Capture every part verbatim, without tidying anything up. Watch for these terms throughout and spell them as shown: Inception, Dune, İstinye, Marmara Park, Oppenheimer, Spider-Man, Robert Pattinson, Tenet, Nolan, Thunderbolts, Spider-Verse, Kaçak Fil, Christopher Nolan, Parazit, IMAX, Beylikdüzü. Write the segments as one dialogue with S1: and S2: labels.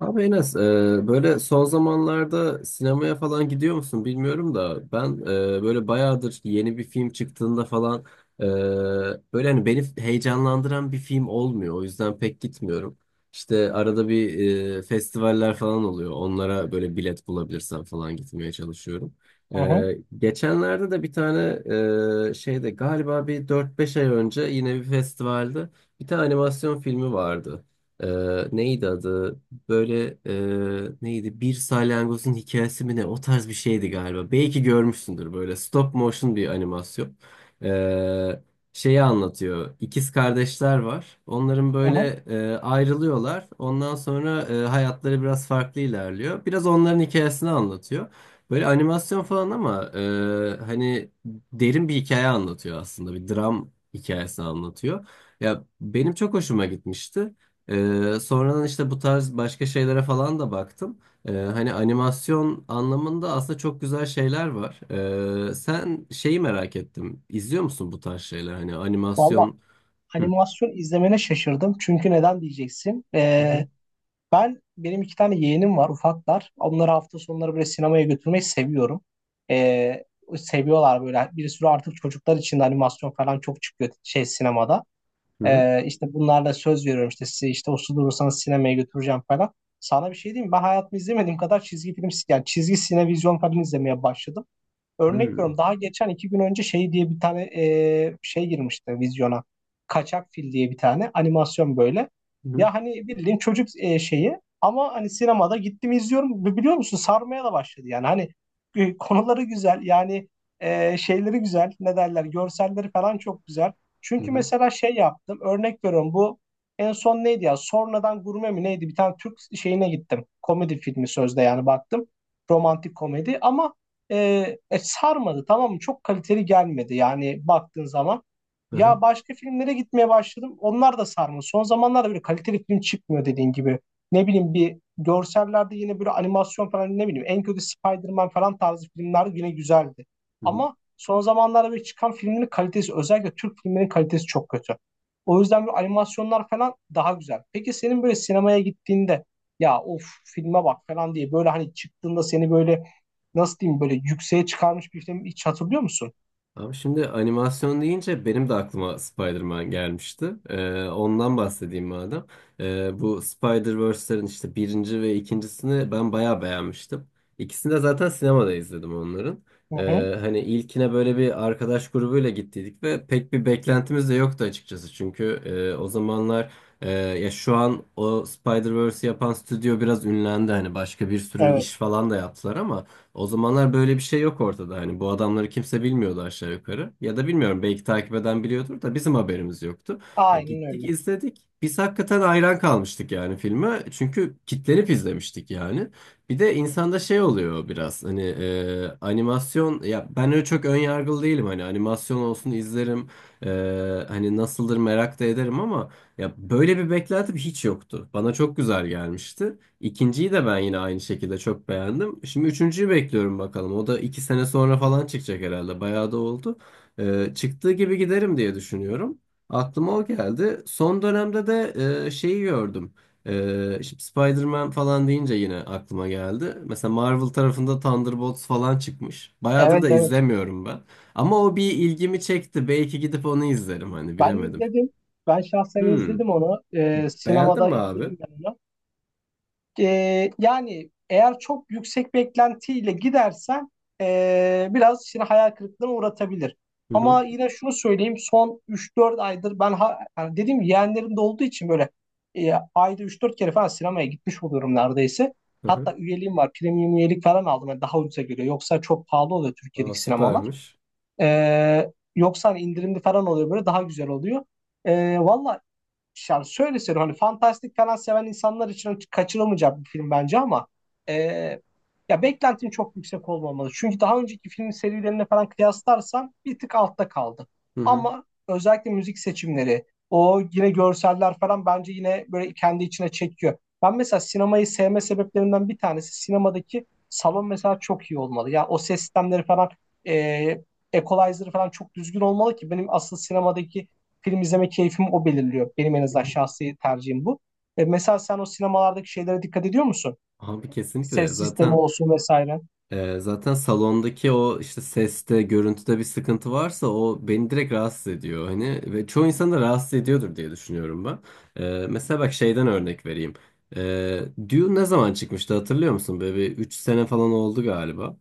S1: Abi Enes, e, böyle son zamanlarda sinemaya falan gidiyor musun bilmiyorum da ben e, böyle bayağıdır yeni bir film çıktığında falan e, böyle hani beni heyecanlandıran bir film olmuyor. O yüzden pek gitmiyorum. İşte arada bir e, festivaller falan oluyor. Onlara böyle bilet bulabilirsem falan gitmeye çalışıyorum.
S2: Hı hı,
S1: E, geçenlerde de bir tane e, şeyde galiba bir dört beş ay önce yine bir festivalde bir tane animasyon filmi vardı. E, Neydi adı? Böyle e, neydi? Bir salyangozun hikayesi mi ne? O tarz bir şeydi galiba. Belki görmüşsündür böyle stop motion bir animasyon. E, Şeyi anlatıyor. İkiz kardeşler var. Onların
S2: hı hı.
S1: böyle e, ayrılıyorlar. Ondan sonra e, hayatları biraz farklı ilerliyor. Biraz onların hikayesini anlatıyor. Böyle animasyon falan ama e, hani derin bir hikaye anlatıyor aslında. Bir dram hikayesi anlatıyor. Ya benim çok hoşuma gitmişti. Ee, sonradan işte bu tarz başka şeylere falan da baktım. Ee, hani animasyon anlamında aslında çok güzel şeyler var. Ee, sen şeyi merak ettim. İzliyor musun bu tarz şeyler? Hani
S2: Valla
S1: animasyon... Hı.
S2: animasyon izlemene şaşırdım. Çünkü neden diyeceksin?
S1: Hı hı.
S2: Ee, ben benim iki tane yeğenim var ufaklar. Onları hafta sonları böyle sinemaya götürmeyi seviyorum. Ee, Seviyorlar böyle. Bir sürü artık çocuklar için de animasyon falan çok çıkıyor şey sinemada.
S1: Hı hı.
S2: Ee, işte bunlarla söz veriyorum işte size işte uslu durursanız sinemaya götüreceğim falan. Sana bir şey diyeyim mi? Ben hayatımda izlemediğim kadar çizgi film yani çizgi sinevizyon falan izlemeye başladım.
S1: Hı
S2: Örnek
S1: hı.
S2: veriyorum daha geçen iki gün önce şey diye bir tane e, şey girmişti vizyona. Kaçak Fil diye bir tane animasyon böyle.
S1: Hı
S2: Ya hani bildiğin çocuk e, şeyi ama hani sinemada gittim izliyorum ve biliyor musun sarmaya da başladı yani hani e, konuları güzel yani e, şeyleri güzel ne derler görselleri falan çok güzel. Çünkü
S1: hı.
S2: mesela şey yaptım örnek veriyorum bu en son neydi ya sonradan gurme mi neydi bir tane Türk şeyine gittim komedi filmi sözde yani baktım romantik komedi ama e, e, sarmadı tamam mı? Çok kaliteli gelmedi yani baktığın zaman.
S1: Hı
S2: Ya
S1: hı.
S2: başka filmlere gitmeye başladım. Onlar da sarmadı. Son zamanlarda böyle kaliteli film çıkmıyor dediğin gibi. Ne bileyim bir görsellerde yine böyle animasyon falan ne bileyim en kötü Spider-Man falan tarzı filmler yine güzeldi.
S1: Hı hı.
S2: Ama son zamanlarda böyle çıkan filmlerin kalitesi özellikle Türk filmlerin kalitesi çok kötü. O yüzden böyle animasyonlar falan daha güzel. Peki senin böyle sinemaya gittiğinde ya of filme bak falan diye böyle hani çıktığında seni böyle nasıl diyeyim böyle yükseğe çıkarmış bir filmi hiç hatırlıyor musun?
S1: Abi şimdi animasyon deyince benim de aklıma Spider-Man gelmişti. Ee, ondan bahsedeyim madem. Ee, bu Spider-Verse'lerin işte birinci ve ikincisini ben bayağı beğenmiştim. İkisini de zaten sinemada izledim onların.
S2: Hı hı.
S1: Ee, hani ilkine böyle bir arkadaş grubuyla gittiydik ve pek bir beklentimiz de yoktu açıkçası. Çünkü e, o zamanlar e, ya şu an o Spider-Verse'i yapan stüdyo biraz ünlendi. Hani başka bir sürü iş
S2: Evet.
S1: falan da yaptılar ama... O zamanlar böyle bir şey yok ortada. Hani bu adamları kimse bilmiyordu aşağı yukarı. Ya da bilmiyorum belki takip eden biliyordur da bizim haberimiz yoktu. E,
S2: Aynen
S1: gittik
S2: öyle.
S1: izledik. Biz hakikaten hayran kalmıştık yani filme. Çünkü kitlenip izlemiştik yani. Bir de insanda şey oluyor biraz hani e, animasyon ya ben öyle çok ön yargılı değilim hani animasyon olsun izlerim. E, Hani nasıldır merak da ederim ama ya böyle bir beklentim hiç yoktu. Bana çok güzel gelmişti. İkinciyi de ben yine aynı şekilde çok beğendim. Şimdi üçüncüyü bekliyorum bakalım. O da iki sene sonra falan çıkacak herhalde. Bayağı da oldu. Ee, çıktığı gibi giderim diye düşünüyorum. Aklıma o geldi. Son dönemde de e, şeyi gördüm. Ee, şimdi Spider-Man falan deyince yine aklıma geldi. Mesela Marvel tarafında Thunderbolts falan çıkmış. Bayağıdır
S2: Evet
S1: da
S2: evet.
S1: izlemiyorum ben. Ama o bir ilgimi çekti. Belki gidip onu izlerim hani
S2: Ben
S1: bilemedim.
S2: izledim. Ben şahsen
S1: Hmm.
S2: izledim onu. Ee,
S1: Beğendin
S2: sinemada
S1: mi abi?
S2: izledim ben onu. Ee, yani eğer çok yüksek beklentiyle gidersen ee, biraz seni hayal kırıklığına uğratabilir.
S1: Hı hı.
S2: Ama yine şunu söyleyeyim son üç dört aydır ben ha, yani dediğim gibi yeğenlerim de olduğu için böyle e, ayda üç dört kere falan sinemaya gitmiş oluyorum neredeyse.
S1: Hı hı.
S2: Hatta üyeliğim var. Premium üyelik falan aldım. Yani daha ucuza geliyor. Yoksa çok pahalı oluyor
S1: Aa,
S2: Türkiye'deki sinemalar.
S1: süpermiş.
S2: Ee, yoksa hani indirimli falan oluyor böyle daha güzel oluyor. Ee, Valla yani şöyle söyleyeyim hani fantastik falan seven insanlar için kaçırılmayacak bir film bence ama e, ya beklentim çok yüksek olmamalı. Çünkü daha önceki film serilerine falan kıyaslarsan bir tık altta kaldı.
S1: Hı hı.
S2: Ama özellikle müzik seçimleri, o yine görseller falan bence yine böyle kendi içine çekiyor. Ben mesela sinemayı sevme sebeplerimden bir tanesi sinemadaki salon mesela çok iyi olmalı. Ya o ses sistemleri falan e, equalizer'ı falan çok düzgün olmalı ki benim asıl sinemadaki film izleme keyfimi o belirliyor. Benim en azından şahsi tercihim bu. E, mesela sen o sinemalardaki şeylere dikkat ediyor musun?
S1: Abi kesinlikle
S2: Ses sistemi
S1: zaten
S2: olsun vesaire.
S1: e, zaten salondaki o işte seste görüntüde bir sıkıntı varsa o beni direkt rahatsız ediyor hani ve çoğu insan da rahatsız ediyordur diye düşünüyorum ben. E, mesela bak şeyden örnek vereyim. E, Dune ne zaman çıkmıştı hatırlıyor musun? Böyle bir üç sene falan oldu galiba.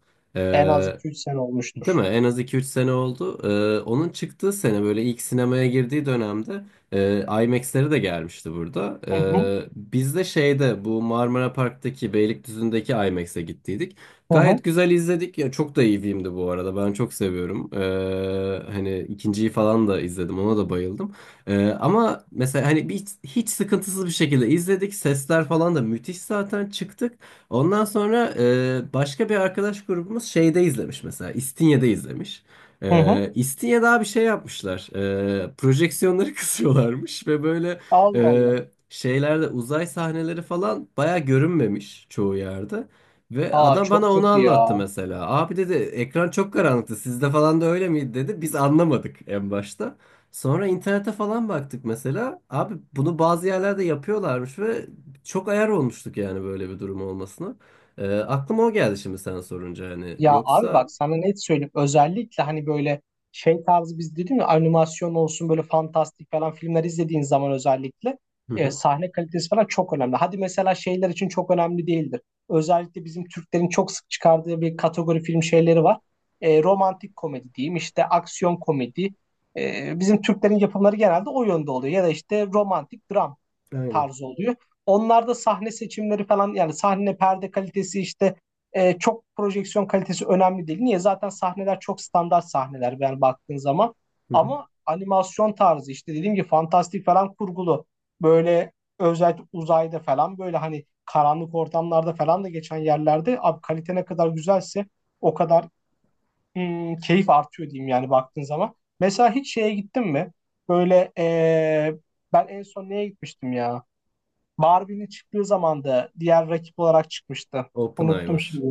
S2: En az
S1: E,
S2: iki üç sene
S1: Değil
S2: olmuştur.
S1: mi? En az iki üç sene oldu. Ee, onun çıktığı sene böyle ilk sinemaya girdiği dönemde e, IMAX'leri de gelmişti burada.
S2: Hı hı,
S1: Ee, biz de şeyde bu Marmara Park'taki Beylikdüzü'ndeki IMAX'e gittiydik.
S2: hı hı,
S1: Gayet güzel izledik. Ya çok da iyi filmdi bu arada. Ben çok seviyorum. Ee, hani ikinciyi falan da izledim. Ona da bayıldım. Ee, ama mesela hani bir, hiç sıkıntısız bir şekilde izledik. Sesler falan da müthiş zaten çıktık. Ondan sonra e, başka bir arkadaş grubumuz şeyde izlemiş mesela. İstinye'de izlemiş.
S2: hı hı.
S1: E, İstinye'de daha bir şey yapmışlar. E, projeksiyonları kısıyorlarmış ve böyle
S2: Allah
S1: e,
S2: Allah.
S1: şeylerde uzay sahneleri falan baya görünmemiş çoğu yerde. Ve
S2: Aa
S1: adam bana
S2: çok
S1: onu
S2: kötü
S1: anlattı
S2: ya.
S1: mesela. Abi dedi ekran çok karanlıktı. Sizde falan da öyle miydi dedi. Biz anlamadık en başta. Sonra internete falan baktık mesela. Abi bunu bazı yerlerde yapıyorlarmış ve çok ayar olmuştuk yani böyle bir durum olmasına. Ee, aklıma o geldi şimdi sen sorunca hani.
S2: Ya abi
S1: Yoksa
S2: bak sana net söyleyeyim. Özellikle hani böyle şey tarzı biz dedim ya animasyon olsun böyle fantastik falan filmler izlediğin zaman özellikle
S1: hı
S2: e,
S1: hı,
S2: sahne kalitesi falan çok önemli. Hadi mesela şeyler için çok önemli değildir. Özellikle bizim Türklerin çok sık çıkardığı bir kategori film şeyleri var. E, romantik komedi diyeyim işte aksiyon komedi. E, bizim Türklerin yapımları genelde o yönde oluyor. Ya da işte romantik dram
S1: aynen.
S2: tarzı oluyor. Onlarda sahne seçimleri falan yani sahne perde kalitesi işte e, çok projeksiyon kalitesi önemli değil. Niye? Zaten sahneler çok standart sahneler yani baktığın zaman.
S1: Hı hı.
S2: Ama animasyon tarzı işte dediğim gibi fantastik falan kurgulu. Böyle özellikle uzayda falan böyle hani karanlık ortamlarda falan da geçen yerlerde abi kalite ne kadar güzelse o kadar hmm, keyif artıyor diyeyim yani baktığın zaman. Mesela hiç şeye gittin mi? Böyle eee, ben en son neye gitmiştim ya? Barbie'nin çıktığı zamanda diğer rakip olarak çıkmıştı. Unuttum
S1: Oppenheimer.
S2: şimdi.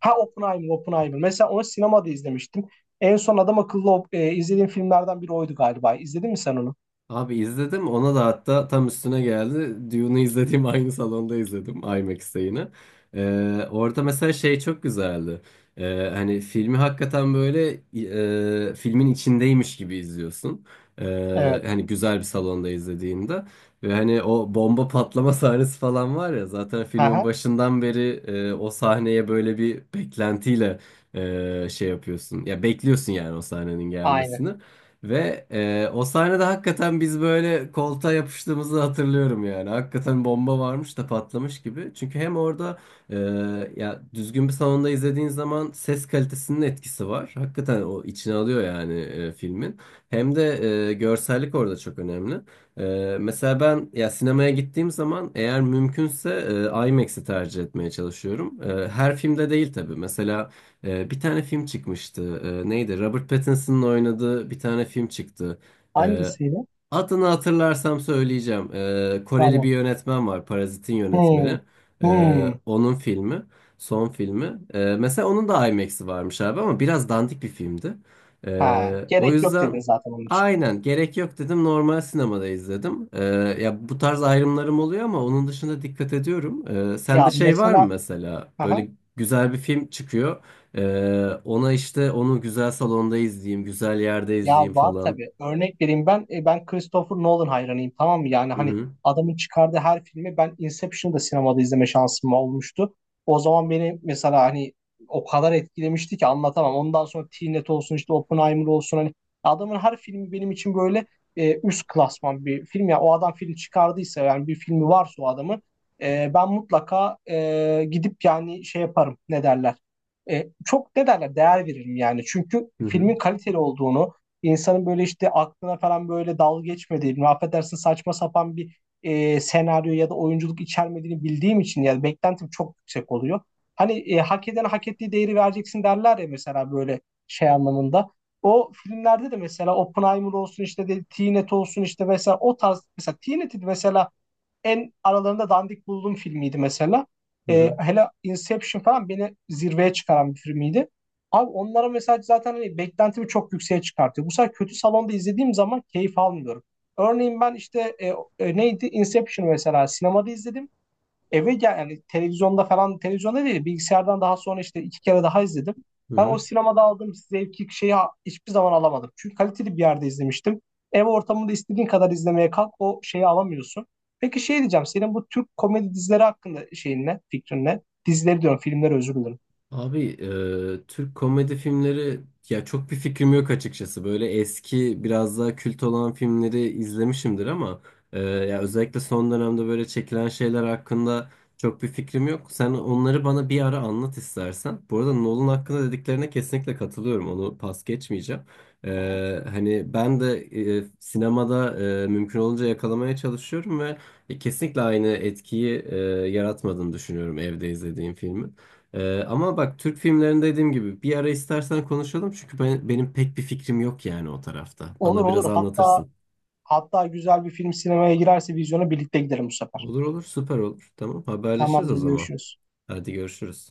S2: Ha Oppenheimer, Oppenheimer. Mesela onu sinemada izlemiştim. En son adam akıllı op- e, izlediğim filmlerden biri oydu galiba. İzledin mi sen onu?
S1: Abi izledim ona da hatta tam üstüne geldi. Dune'u izlediğim aynı salonda izledim IMAX'te yine. Ee, orada mesela şey çok güzeldi. Ee, hani filmi hakikaten böyle e, filmin içindeymiş gibi izliyorsun. Ee,
S2: Evet.
S1: hani güzel bir salonda izlediğinde. Ve hani o bomba patlama sahnesi falan var ya zaten filmin
S2: Aha,
S1: başından beri e, o sahneye böyle bir beklentiyle e, şey yapıyorsun. Ya bekliyorsun yani o sahnenin
S2: aynı.
S1: gelmesini. Ve e, o sahnede hakikaten biz böyle koltuğa yapıştığımızı hatırlıyorum yani. Hakikaten bomba varmış da patlamış gibi. Çünkü hem orada e, ya düzgün bir salonda izlediğin zaman ses kalitesinin etkisi var. Hakikaten o içine alıyor yani e, filmin. Hem de e, görsellik orada çok önemli. E, mesela ben ya sinemaya gittiğim zaman eğer mümkünse e, IMAX'i tercih etmeye çalışıyorum. E, her filmde değil tabii. Mesela ee, bir tane film çıkmıştı. Ee, neydi? Robert Pattinson'ın oynadığı bir tane film çıktı. Ee,
S2: Hangisiydi?
S1: Adını hatırlarsam söyleyeceğim. Ee, Koreli bir
S2: Tamam.
S1: yönetmen var. Parazit'in
S2: Hmm.
S1: yönetmeni. Ee,
S2: Hmm.
S1: onun filmi. Son filmi. Ee, mesela onun da IMAX'i varmış abi ama biraz dandik bir filmdi.
S2: Ha,
S1: Ee, o
S2: gerek yok
S1: yüzden
S2: dedin zaten onun için.
S1: aynen gerek yok dedim. Normal sinemada izledim. Ee, ya bu tarz ayrımlarım oluyor ama onun dışında dikkat ediyorum. Ee, sende
S2: Ya
S1: şey var mı
S2: mesela
S1: mesela?
S2: aha,
S1: Böyle güzel bir film çıkıyor. Ee, ona işte onu güzel salonda izleyeyim, güzel yerde
S2: ya
S1: izleyeyim
S2: var
S1: falan.
S2: tabii. Örnek vereyim ben e, ben Christopher Nolan hayranıyım tamam mı? Yani
S1: Hı
S2: hani
S1: hı.
S2: adamın çıkardığı her filmi ben Inception'ı da sinemada izleme şansım olmuştu. O zaman beni mesela hani o kadar etkilemişti ki anlatamam. Ondan sonra Tenet olsun işte Oppenheimer olsun hani adamın her filmi benim için böyle e, üst klasman bir film. Ya o adam film çıkardıysa yani bir filmi varsa o adamın e, ben mutlaka e, gidip yani şey yaparım ne derler. E, çok ne derler değer veririm yani. Çünkü
S1: Hı hı.
S2: filmin kaliteli olduğunu insanın böyle işte aklına falan böyle dalga geçmediğini, affedersin saçma sapan bir e, senaryo ya da oyunculuk içermediğini bildiğim için yani beklentim çok yüksek oluyor. Hani e, hak eden hak ettiği değeri vereceksin derler ya mesela böyle şey anlamında. O filmlerde de mesela Oppenheimer olsun işte de, Tenet olsun işte mesela o tarz mesela Tenet'i mesela en aralarında dandik bulduğum filmiydi mesela.
S1: Hı
S2: Ee,
S1: hı,
S2: hele Inception falan beni zirveye çıkaran bir filmiydi. Abi onlara mesela zaten hani beklentimi çok yükseğe çıkartıyor. Bu sefer kötü salonda izlediğim zaman keyif almıyorum. Örneğin ben işte e, e, neydi Inception mesela sinemada izledim eve gel yani televizyonda falan televizyonda değil bilgisayardan daha sonra işte iki kere daha izledim.
S1: hı
S2: Ben o
S1: hı.
S2: sinemada aldığım zevki şeyi ha- hiçbir zaman alamadım. Çünkü kaliteli bir yerde izlemiştim. Ev ortamında istediğin kadar izlemeye kalk o şeyi alamıyorsun. Peki şey diyeceğim senin bu Türk komedi dizileri hakkında şeyin ne fikrin ne? Dizileri diyorum filmleri özür dilerim.
S1: Abi e, Türk komedi filmleri ya çok bir fikrim yok açıkçası. Böyle eski biraz daha kült olan filmleri izlemişimdir ama e, ya özellikle son dönemde böyle çekilen şeyler hakkında çok bir fikrim yok. Sen onları bana bir ara anlat istersen. Bu arada Nolan hakkında dediklerine kesinlikle katılıyorum. Onu pas geçmeyeceğim.
S2: Hı hı.
S1: E, hani ben de e, sinemada e, mümkün olunca yakalamaya çalışıyorum ve e, kesinlikle aynı etkiyi e, yaratmadığını düşünüyorum evde izlediğim filmi. Ee, ama bak Türk filmlerinde dediğim gibi bir ara istersen konuşalım çünkü ben, benim pek bir fikrim yok yani o tarafta.
S2: Olur
S1: Bana biraz
S2: olur hatta
S1: anlatırsın.
S2: hatta güzel bir film sinemaya girerse vizyona birlikte gidelim bu sefer.
S1: Olur olur süper olur. Tamam haberleşiriz o
S2: Tamamdır
S1: zaman.
S2: görüşürüz.
S1: Hadi görüşürüz.